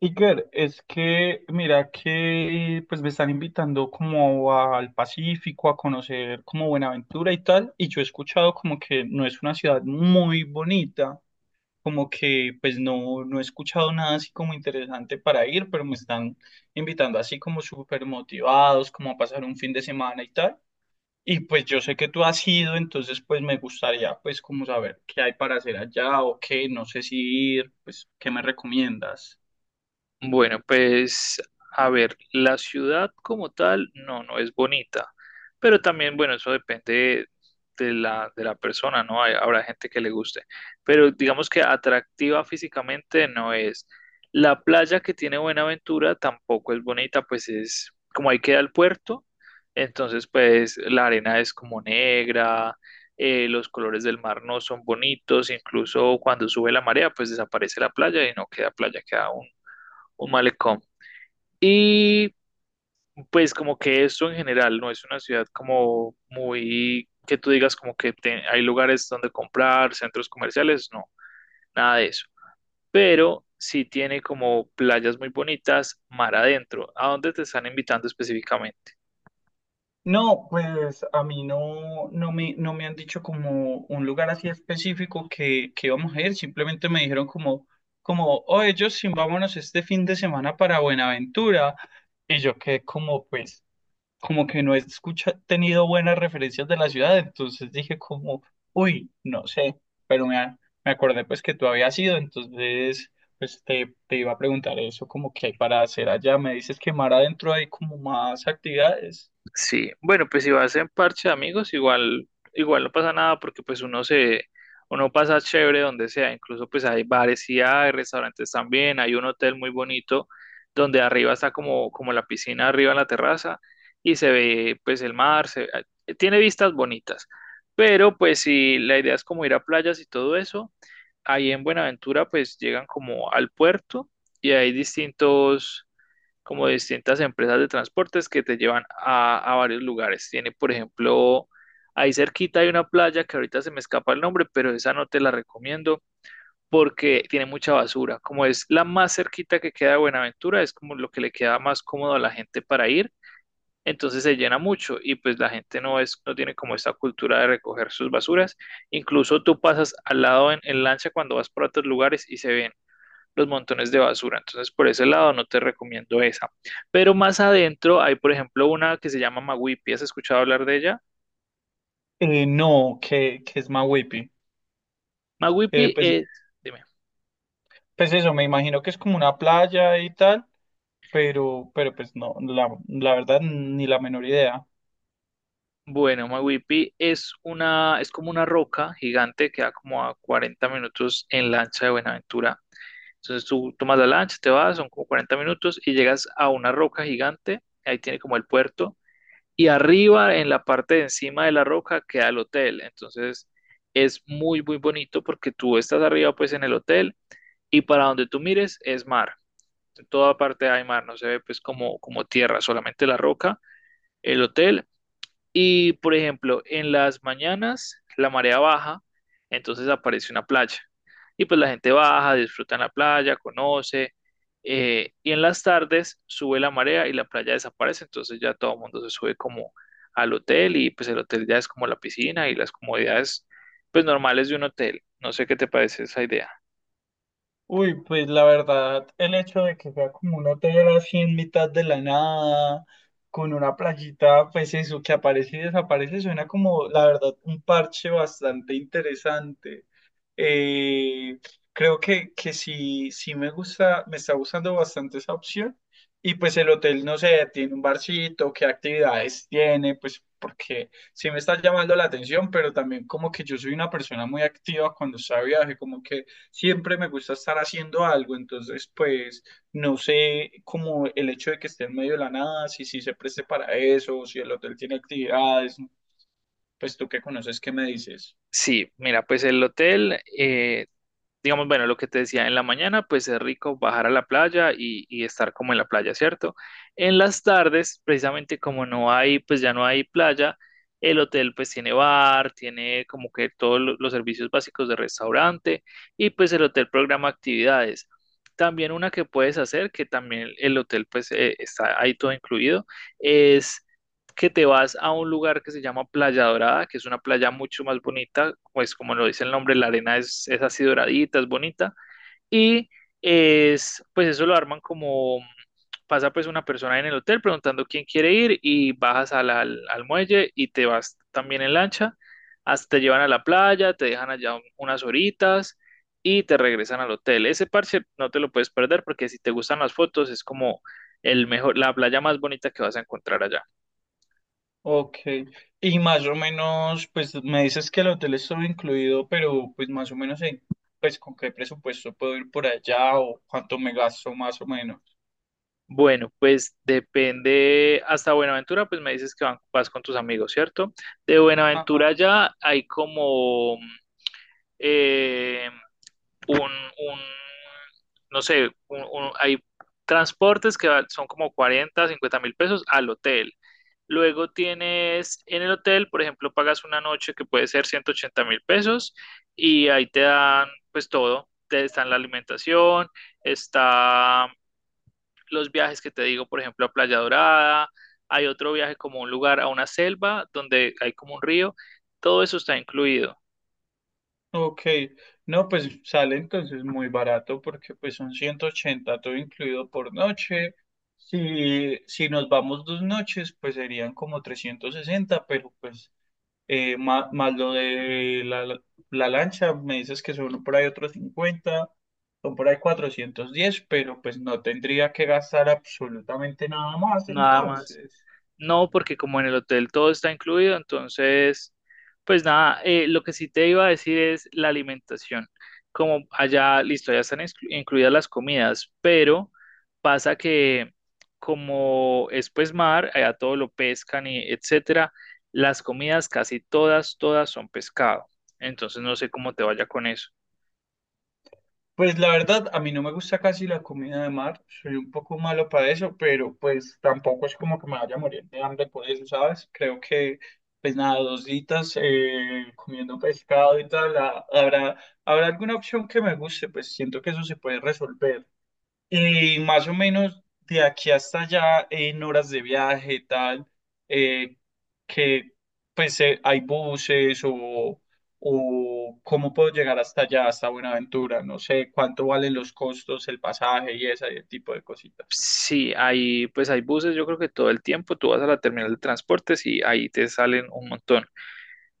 Iker, es que mira que pues me están invitando como al Pacífico a conocer como Buenaventura y tal, y yo he escuchado como que no es una ciudad muy bonita, como que pues no, no he escuchado nada así como interesante para ir, pero me están invitando así como súper motivados, como a pasar un fin de semana y tal. Y pues yo sé que tú has ido, entonces pues me gustaría pues como saber qué hay para hacer allá o qué, no sé si ir, pues qué me recomiendas. Bueno, pues a ver, la ciudad como tal, no, no es bonita, pero también, bueno, eso depende de la persona, ¿no? Habrá gente que le guste, pero digamos que atractiva físicamente no es. La playa que tiene Buenaventura tampoco es bonita, pues es como ahí queda el puerto, entonces pues la arena es como negra, los colores del mar no son bonitos, incluso cuando sube la marea, pues desaparece la playa y no queda playa, queda un malecón. Y pues como que esto en general no es una ciudad como muy que tú digas como que hay lugares donde comprar, centros comerciales, no, nada de eso. Pero sí tiene como playas muy bonitas mar adentro. ¿A dónde te están invitando específicamente? No, pues a mí no, no me han dicho como un lugar así específico que íbamos a ir, simplemente me dijeron como, oye, Justin, vámonos este fin de semana para Buenaventura. Y yo que como, pues, como que no he escucha, tenido buenas referencias de la ciudad, entonces dije como, uy, no sé, pero me acordé pues que tú habías ido, entonces pues te iba a preguntar eso, como qué hay para hacer allá, me dices que más adentro hay como más actividades. Sí, bueno, pues si vas en parche de amigos, igual, igual no pasa nada porque pues uno pasa chévere donde sea, incluso pues hay bares y hay restaurantes también, hay un hotel muy bonito donde arriba está como, como la piscina arriba en la terraza y se ve pues el mar, tiene vistas bonitas, pero pues si la idea es como ir a playas y todo eso, ahí en Buenaventura pues llegan como al puerto y hay distintos como distintas empresas de transportes que te llevan a varios lugares. Tiene, por ejemplo, ahí cerquita hay una playa que ahorita se me escapa el nombre, pero esa no te la recomiendo porque tiene mucha basura. Como es la más cerquita que queda de Buenaventura, es como lo que le queda más cómodo a la gente para ir. Entonces se llena mucho y pues la gente no es, no tiene como esta cultura de recoger sus basuras. Incluso tú pasas al lado en lancha cuando vas por otros lugares y se ven los montones de basura. Entonces, por ese lado no te recomiendo esa. Pero más adentro hay, por ejemplo, una que se llama Maguipi. ¿Has escuchado hablar de ella? No, que es Mahuipi. Eh, Maguipi pues, es, dime. pues eso, me imagino que es como una playa y tal, pero pues no, la verdad ni la menor idea. Bueno, Maguipi es como una roca gigante que da como a 40 minutos en lancha de Buenaventura. Entonces tú tomas la lancha, te vas, son como 40 minutos y llegas a una roca gigante, ahí tiene como el puerto, y arriba, en la parte de encima de la roca, queda el hotel. Entonces es muy, muy bonito porque tú estás arriba pues en el hotel y para donde tú mires es mar. En toda parte hay mar, no se ve pues como, como tierra, solamente la roca, el hotel y, por ejemplo, en las mañanas la marea baja, entonces aparece una playa. Y pues la gente baja, disfruta en la playa, conoce. Y en las tardes sube la marea y la playa desaparece, entonces ya todo el mundo se sube como al hotel y pues el hotel ya es como la piscina y las comodidades pues normales de un hotel. No sé qué te parece esa idea. Uy, pues la verdad, el hecho de que sea como un hotel así en mitad de la nada, con una playita, pues eso, que aparece y desaparece, suena como, la verdad, un parche bastante interesante. Eh, Creo que sí, sí me gusta, me está gustando bastante esa opción. Y pues el hotel, no sé, tiene un barcito, qué actividades tiene, pues porque sí me está llamando la atención, pero también como que yo soy una persona muy activa cuando está de viaje, como que siempre me gusta estar haciendo algo, entonces pues no sé como el hecho de que esté en medio de la nada, si sí se preste para eso, si el hotel tiene actividades, pues tú que conoces, ¿qué me dices? Sí, mira, pues el hotel, digamos, bueno, lo que te decía, en la mañana pues es rico bajar a la playa y estar como en la playa, ¿cierto? En las tardes, precisamente como no hay, pues ya no hay playa, el hotel pues tiene bar, tiene como que todos los servicios básicos de restaurante y pues el hotel programa actividades. También una que puedes hacer, que también el hotel pues está ahí todo incluido, es que te vas a un lugar que se llama Playa Dorada, que es una playa mucho más bonita, pues como lo dice el nombre, la arena es así doradita, es bonita, y pues eso lo arman como, pasa pues una persona en el hotel preguntando quién quiere ir y bajas al muelle y te vas también en lancha, hasta te llevan a la playa, te dejan allá unas horitas y te regresan al hotel. Ese parche no te lo puedes perder porque si te gustan las fotos es como el mejor, la playa más bonita que vas a encontrar allá. Ok, y más o menos, pues me dices que el hotel es todo incluido, pero pues más o menos, pues con qué presupuesto puedo ir por allá o cuánto me gasto más o menos. Bueno, pues depende, hasta Buenaventura, pues me dices que vas con tus amigos, ¿cierto? De Ajá, Buenaventura ya hay como eh, un, un, no sé, hay transportes que son como 40, 50 mil pesos al hotel. Luego tienes en el hotel, por ejemplo, pagas una noche que puede ser 180.000 pesos y ahí te dan pues todo. Te, está la alimentación, está los viajes que te digo, por ejemplo, a Playa Dorada, hay otro viaje como a un lugar, a una selva donde hay como un río, todo eso está incluido, ok, no, pues sale entonces muy barato porque pues son 180 todo incluido por noche. Si, si nos vamos 2 noches, pues serían como 360, pero pues más, lo de la lancha, me dices que son por ahí otros 50, son por ahí 410, pero pues no tendría que gastar absolutamente nada más nada más. entonces. No, porque como en el hotel todo está incluido, entonces, pues nada, lo que sí te iba a decir es la alimentación. Como allá, listo, ya están incluidas las comidas, pero pasa que como es pues mar, allá todo lo pescan y etcétera, las comidas casi todas, todas son pescado. Entonces no sé cómo te vaya con eso. Pues la verdad, a mí no me gusta casi la comida de mar, soy un poco malo para eso, pero pues tampoco es como que me vaya a morir de hambre por eso, ¿sabes? Creo que pues nada, dos ditas comiendo pescado y tal, ah, habrá alguna opción que me guste, pues siento que eso se puede resolver. Y más o menos de aquí hasta allá en horas de viaje, tal, eh, que pues hay buses o cómo puedo llegar hasta allá, hasta Buenaventura, no sé cuánto valen los costos, el pasaje y ese tipo de cositas. Sí, hay, pues hay buses, yo creo que todo el tiempo tú vas a la terminal de transportes y ahí te salen un montón.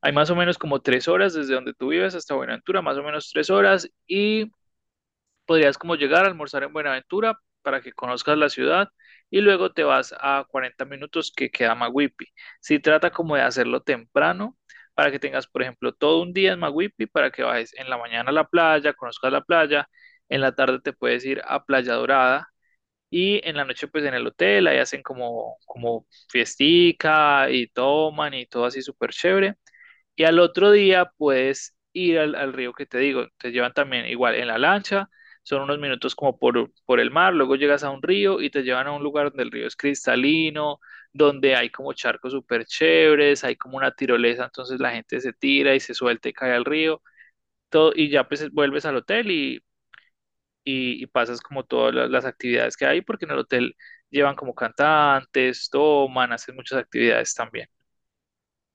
Hay más o menos como 3 horas desde donde tú vives hasta Buenaventura, más o menos 3 horas, y podrías como llegar a almorzar en Buenaventura para que conozcas la ciudad y luego te vas a 40 minutos que queda Maguipi. Si trata como de hacerlo temprano para que tengas, por ejemplo, todo un día en Maguipi para que bajes en la mañana a la playa, conozcas la playa, en la tarde te puedes ir a Playa Dorada y en la noche pues en el hotel ahí hacen como fiestica y toman y todo así súper chévere. Y al otro día puedes ir al río que te digo. Te llevan también igual en la lancha, son unos minutos como por el mar, luego llegas a un río y te llevan a un lugar donde el río es cristalino, donde hay como charcos súper chéveres, hay como una tirolesa, entonces la gente se tira y se suelta y cae al río. Todo, y ya pues vuelves al hotel y pasas como todas las actividades que hay, porque en el hotel llevan como cantantes, toman, hacen muchas actividades también.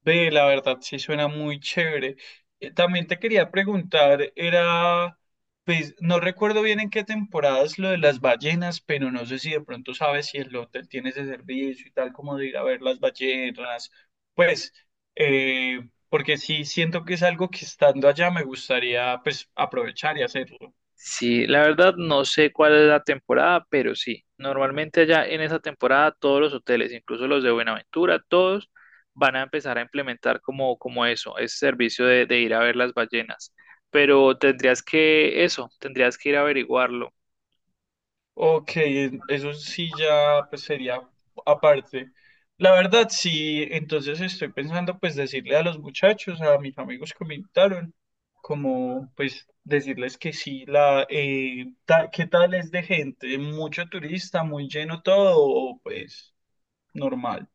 Ve, la verdad, sí suena muy chévere. También te quería preguntar, era, pues, no recuerdo bien en qué temporada es lo de las ballenas, pero no sé si de pronto sabes si el hotel tiene ese servicio y tal, como de ir a ver las ballenas. Pues, eh, porque sí siento que es algo que estando allá me gustaría, pues, aprovechar y hacerlo. Sí, la verdad no sé cuál es la temporada, pero sí, normalmente allá en esa temporada todos los hoteles, incluso los de Buenaventura, todos van a empezar a implementar como, como eso, ese servicio de ir a ver las ballenas. Pero tendrías que, eso, tendrías que ir a averiguarlo. Ok, eso sí ya pues sería aparte. La verdad, sí, entonces estoy pensando pues decirle a los muchachos, a mis amigos que me invitaron, como pues decirles que sí, ¿qué tal es de gente? Mucho turista, muy lleno todo, o, pues normal.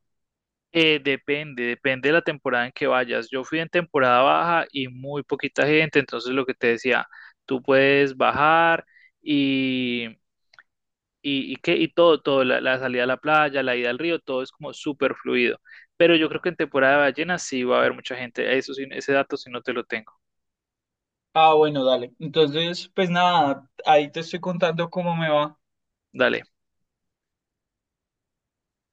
Depende de la temporada en que vayas. Yo fui en temporada baja y muy poquita gente, entonces lo que te decía, tú puedes bajar qué y todo, todo, salida a la playa, la ida al río, todo es como súper fluido. Pero yo creo que en temporada de ballenas sí va a haber mucha gente. Eso sí, ese dato sí no te lo tengo. Ah, bueno, dale. Entonces, pues nada, ahí te estoy contando cómo me va. Dale.